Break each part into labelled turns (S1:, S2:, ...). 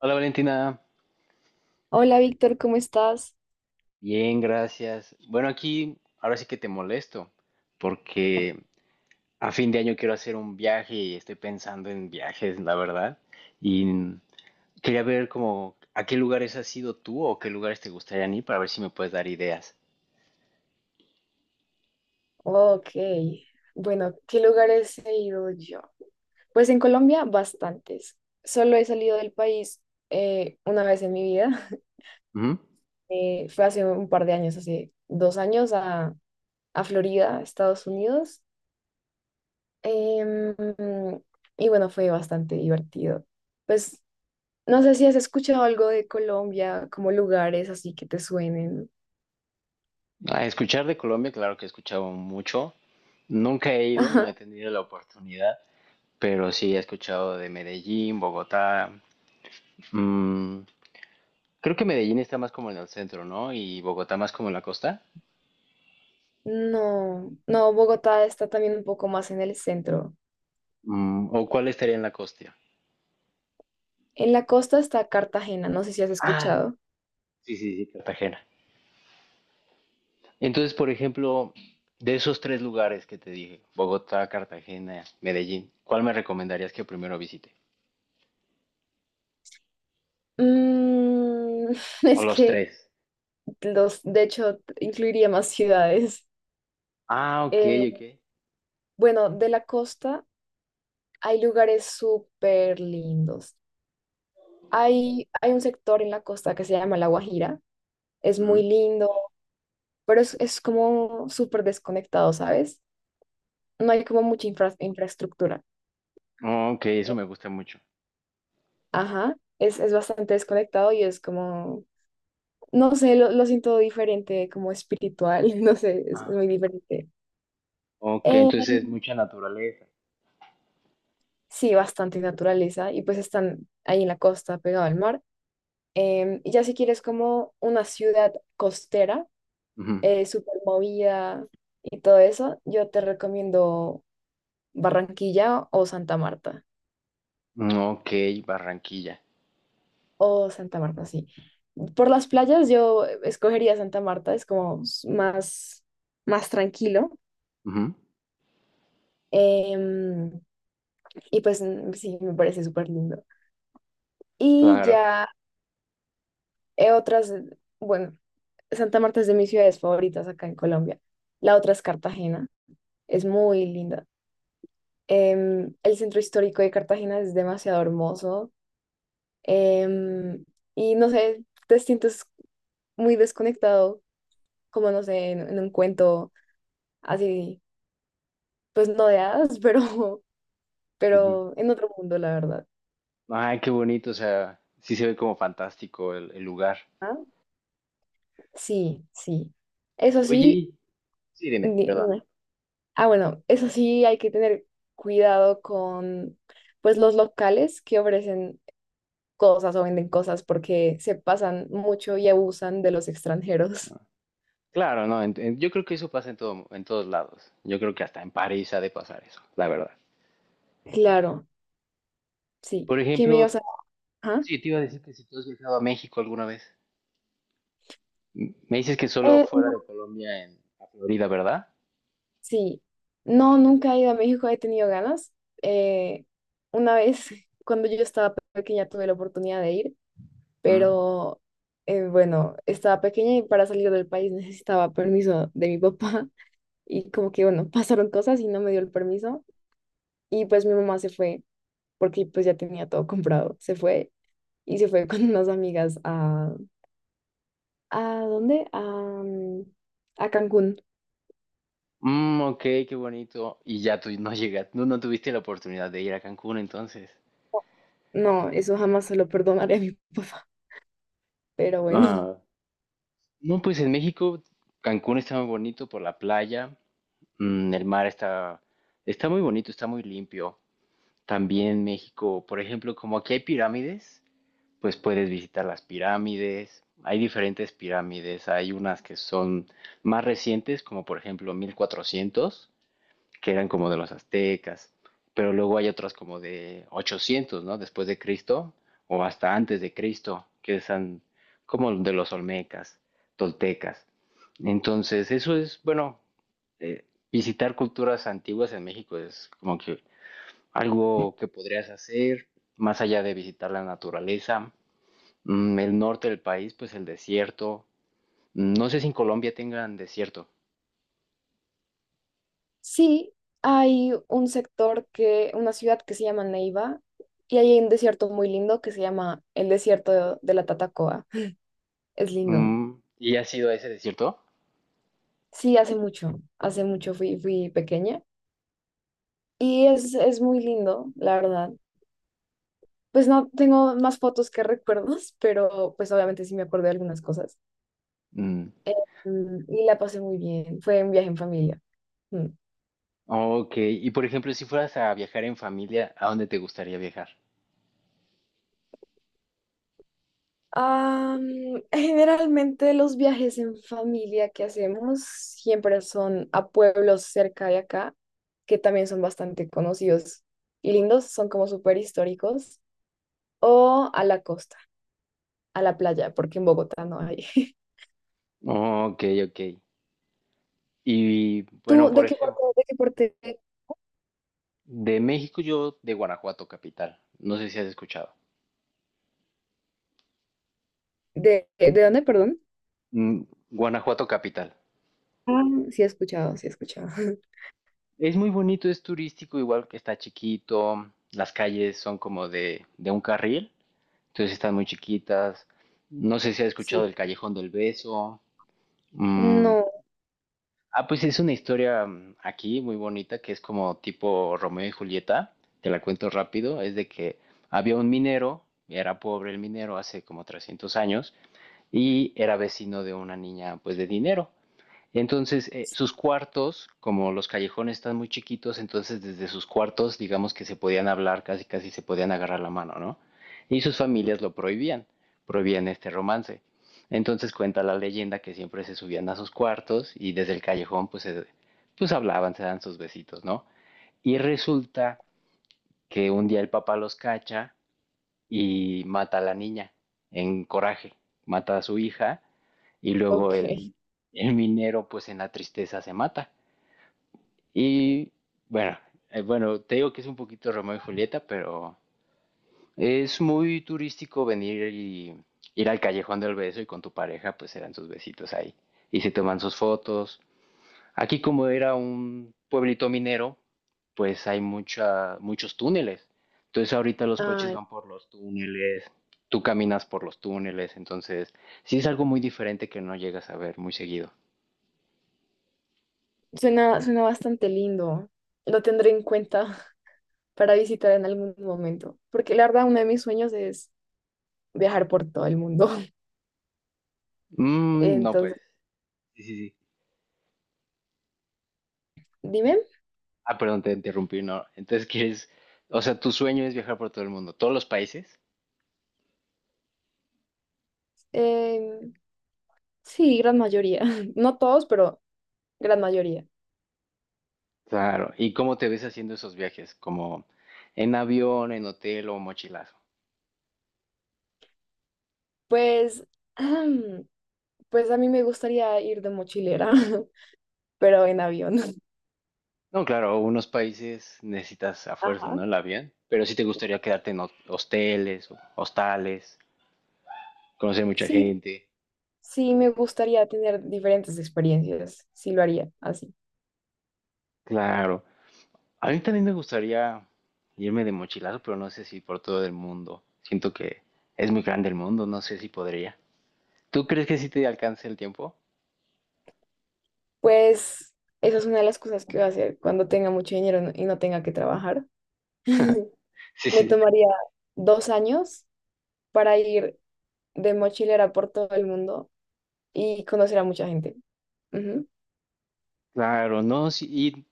S1: Hola Valentina,
S2: Hola Víctor, ¿cómo estás?
S1: bien, gracias. Bueno, aquí ahora sí que te molesto, porque a fin de año quiero hacer un viaje y estoy pensando en viajes, la verdad. Y quería ver como a qué lugares has ido tú o qué lugares te gustaría ir para ver si me puedes dar ideas.
S2: Ok, bueno, ¿qué lugares he ido yo? Pues en Colombia, bastantes. Solo he salido del país una vez en mi vida.
S1: Ujú.
S2: Fue hace un par de años, hace 2 años, a Florida, Estados Unidos. Em, y bueno, fue bastante divertido. Pues no sé si has escuchado algo de Colombia, como lugares así que te suenen.
S1: A escuchar de Colombia, claro que he escuchado mucho. Nunca he ido, no
S2: Ajá.
S1: he tenido la oportunidad, pero sí he escuchado de Medellín, Bogotá, mm, creo que Medellín está más como en el centro, ¿no? Y Bogotá más como en la costa.
S2: No, no, Bogotá está también un poco más en el centro.
S1: Mm, ¿o cuál estaría en la costa?
S2: En la costa está Cartagena, no sé si has
S1: Ah,
S2: escuchado.
S1: sí, sí, sí, Cartagena. Entonces, por ejemplo, de esos tres lugares que te dije, Bogotá, Cartagena, Medellín, ¿cuál me recomendarías que primero visite?
S2: Mm,
S1: O
S2: es
S1: los
S2: que
S1: tres.
S2: los, de hecho, incluiría más ciudades.
S1: Ah, ok,
S2: Eh,
S1: ok.
S2: bueno, de la costa hay lugares súper lindos. Hay un sector en la costa que se llama La Guajira. Es muy
S1: Ujú.
S2: lindo, pero es como súper desconectado, ¿sabes? No hay como mucha infraestructura.
S1: Oh, ok, eso me gusta mucho.
S2: Ajá, es bastante desconectado y es como, no sé, lo siento diferente, como espiritual, no sé, es
S1: Ah,
S2: muy
S1: ok.
S2: diferente.
S1: Ok,
S2: Eh,
S1: entonces es mucha naturaleza.
S2: sí, bastante naturaleza y pues están ahí en la costa, pegado al mar. Y ya si quieres como una ciudad costera,
S1: Ujú.
S2: súper movida y todo eso, yo te recomiendo Barranquilla o Santa Marta.
S1: Mm, ok, Barranquilla.
S2: O Santa Marta, sí. Por las playas yo escogería Santa Marta, es como más, más tranquilo.
S1: Ujú.
S2: Em, y pues mm, sí, me parece súper lindo. Y
S1: Claro.
S2: ya eh, otras, bueno, Santa Marta es de mis ciudades favoritas acá en Colombia. La otra es Cartagena, es muy linda. El centro histórico de Cartagena es demasiado hermoso. Em, y no sé, te sientes muy desconectado, como no sé, en un cuento así, pues no de hadas, pero en otro mundo, la verdad.
S1: Ay, qué bonito, o sea, sí se ve como fantástico el lugar.
S2: ¿Ah? Sí, sí. Eso sí,
S1: Oye, sí, dime,
S2: ni-
S1: ¿verdad?
S2: ni- bueno, eso sí hay que tener cuidado con pues los locales que ofrecen cosas o venden cosas porque se pasan mucho y abusan de los extranjeros.
S1: Claro, no, yo creo que eso pasa en todo, en todos lados. Yo creo que hasta en París ha de pasar eso, la verdad.
S2: Claro. Sí,
S1: Por
S2: ¿qué me ibas
S1: ejemplo,
S2: a...? Ajá.
S1: sí, te iba a decir que si tú has viajado a México alguna vez. Me dices que solo fuera
S2: No,
S1: de Colombia, en a Florida, ¿verdad?
S2: sí, no, nunca he ido a México, he tenido ganas. Eh, una vez, cuando yo estaba pequeña, tuve la oportunidad de ir,
S1: Mm.
S2: pero bueno, estaba pequeña y para salir del país necesitaba permiso de mi papá y como que, bueno, pasaron cosas y no me dio el permiso y pues mi mamá se fue porque pues ya tenía todo comprado, se fue y se fue con unas amigas a... ¿A dónde? A, a Cancún.
S1: Mm, ok, qué bonito. Y ya tú no llegaste, no, no tuviste la oportunidad de ir a Cancún entonces.
S2: No, eso jamás se lo perdonaré a mi papá, pero bueno.
S1: Ah, no, pues en México, Cancún está muy bonito por la playa. Mm, el mar está, está muy bonito, está muy limpio. También México, por ejemplo, como aquí hay pirámides, pues puedes visitar las pirámides. Hay diferentes pirámides, hay unas que son más recientes, como por ejemplo 1400, que eran como de los aztecas, pero luego hay otras como de 800, ¿no? Después de Cristo o hasta antes de Cristo, que son como de los olmecas, toltecas. Entonces, eso es, bueno, eh, visitar culturas antiguas en México es como que algo que podrías hacer, más allá de visitar la naturaleza, el norte del país, pues el desierto. Mm, no sé si en Colombia tengan desierto.
S2: Sí, hay un sector que, una ciudad que se llama Neiva y hay un desierto muy lindo que se llama el desierto de la Tatacoa. Es lindo.
S1: Mm, ¿y has ido a ese desierto?
S2: Sí, hace mucho fui, fui pequeña y es muy lindo, la verdad. Pues no tengo más fotos que recuerdos, pero pues obviamente sí me acuerdo de algunas cosas.
S1: Mm,
S2: Mm, y la pasé muy bien. Fue un viaje en familia. Mm.
S1: ok, y por ejemplo, si fueras a viajar en familia, ¿a dónde te gustaría viajar?
S2: Am, generalmente los viajes en familia que hacemos siempre son a pueblos cerca de acá, que también son bastante conocidos y lindos, son como súper históricos, o a la costa, a la playa, porque en Bogotá no hay.
S1: Ok, ok. Y bueno,
S2: ¿Tú
S1: por
S2: de qué parte,
S1: ejemplo,
S2: de qué parte,
S1: de México yo de Guanajuato capital. No sé si has escuchado.
S2: de dónde, perdón?
S1: Mm, Guanajuato capital.
S2: Ah, sí he escuchado, sí he escuchado.
S1: Es muy bonito, es turístico, igual que está chiquito. Las calles son como de un carril, entonces están muy chiquitas. No sé si has escuchado
S2: Sí.
S1: el Callejón del Beso. Mm.
S2: No,
S1: Ah, pues es una historia aquí muy bonita que es como tipo Romeo y Julieta. Te la cuento rápido. Es de que había un minero, era pobre el minero hace como 300 años y era vecino de una niña pues de dinero. Entonces, sus cuartos, como los callejones están muy chiquitos, entonces desde sus cuartos, digamos que se podían hablar, casi casi se podían agarrar la mano, ¿no? Y sus familias lo prohibían, prohibían este romance. Entonces cuenta la leyenda que siempre se subían a sus cuartos y desde el callejón pues, pues hablaban, se dan sus besitos, ¿no? Y resulta que un día el papá los cacha y mata a la niña en coraje, mata a su hija y luego
S2: ok.
S1: el minero pues en la tristeza se mata. Y bueno, bueno, te digo que es un poquito Romeo y Julieta, pero es muy turístico venir y ir al callejón del beso y con tu pareja pues se dan sus besitos ahí y se toman sus fotos. Aquí como era un pueblito minero, pues hay muchos túneles. Entonces ahorita los coches
S2: Ay,
S1: van por los túneles, tú caminas por los túneles, entonces sí es algo muy diferente que no llegas a ver muy seguido.
S2: suena, suena bastante lindo. Lo tendré en cuenta para visitar en algún momento, porque la verdad uno de mis sueños es viajar por todo el mundo.
S1: Mm, no, pues,
S2: Entonces,
S1: sí, sí, sí.
S2: dime,
S1: Ah, perdón, te interrumpí, no. Entonces quieres, o sea, tu sueño es viajar por todo el mundo, todos los países.
S2: Em, sí, gran mayoría, no todos, pero gran mayoría.
S1: Claro. ¿Y cómo te ves haciendo esos viajes? ¿Como en avión, en hotel o mochilazo?
S2: Pues, pues a mí me gustaría ir de mochilera, pero en avión.
S1: No, claro, unos países necesitas a fuerza,
S2: Ajá.
S1: ¿no? El avión. Pero sí te gustaría quedarte en hosteles, o hostales, conocer mucha
S2: Sí,
S1: gente.
S2: sí, me gustaría tener diferentes experiencias, sí lo haría así.
S1: Claro. A mí también me gustaría irme de mochilazo, pero no sé si por todo el mundo. Siento que es muy grande el mundo, no sé si podría. ¿Tú crees que sí te alcance el tiempo?
S2: Pues esa es una de las cosas que voy a hacer cuando tenga mucho dinero y no tenga que trabajar.
S1: Sí,
S2: Me
S1: sí.
S2: tomaría 2 años para ir de mochilera por todo el mundo y conocer a mucha gente. Ujú,
S1: Claro, no, sí. Y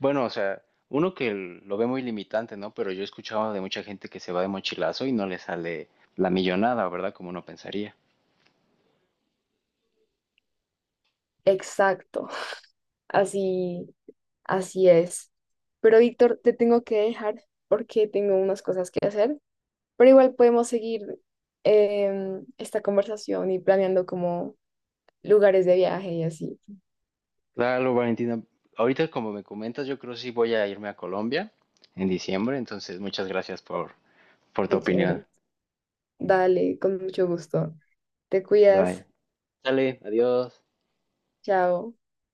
S1: bueno, o sea, uno que lo ve muy limitante, ¿no? Pero yo he escuchado de mucha gente que se va de mochilazo y no le sale la millonada, ¿verdad? Como uno pensaría.
S2: exacto, así, así es. Pero Víctor, te tengo que dejar porque tengo unas cosas que hacer, pero igual podemos seguir esta conversación y planeando como lugares de viaje y así.
S1: Claro, Valentina. Ahorita, como me comentas, yo creo que sí voy a irme a Colombia en diciembre, entonces muchas gracias por tu
S2: Qué
S1: opinión.
S2: chévere. Dale, con mucho gusto. Te
S1: Bye.
S2: cuidas.
S1: Dale, adiós.
S2: Chao.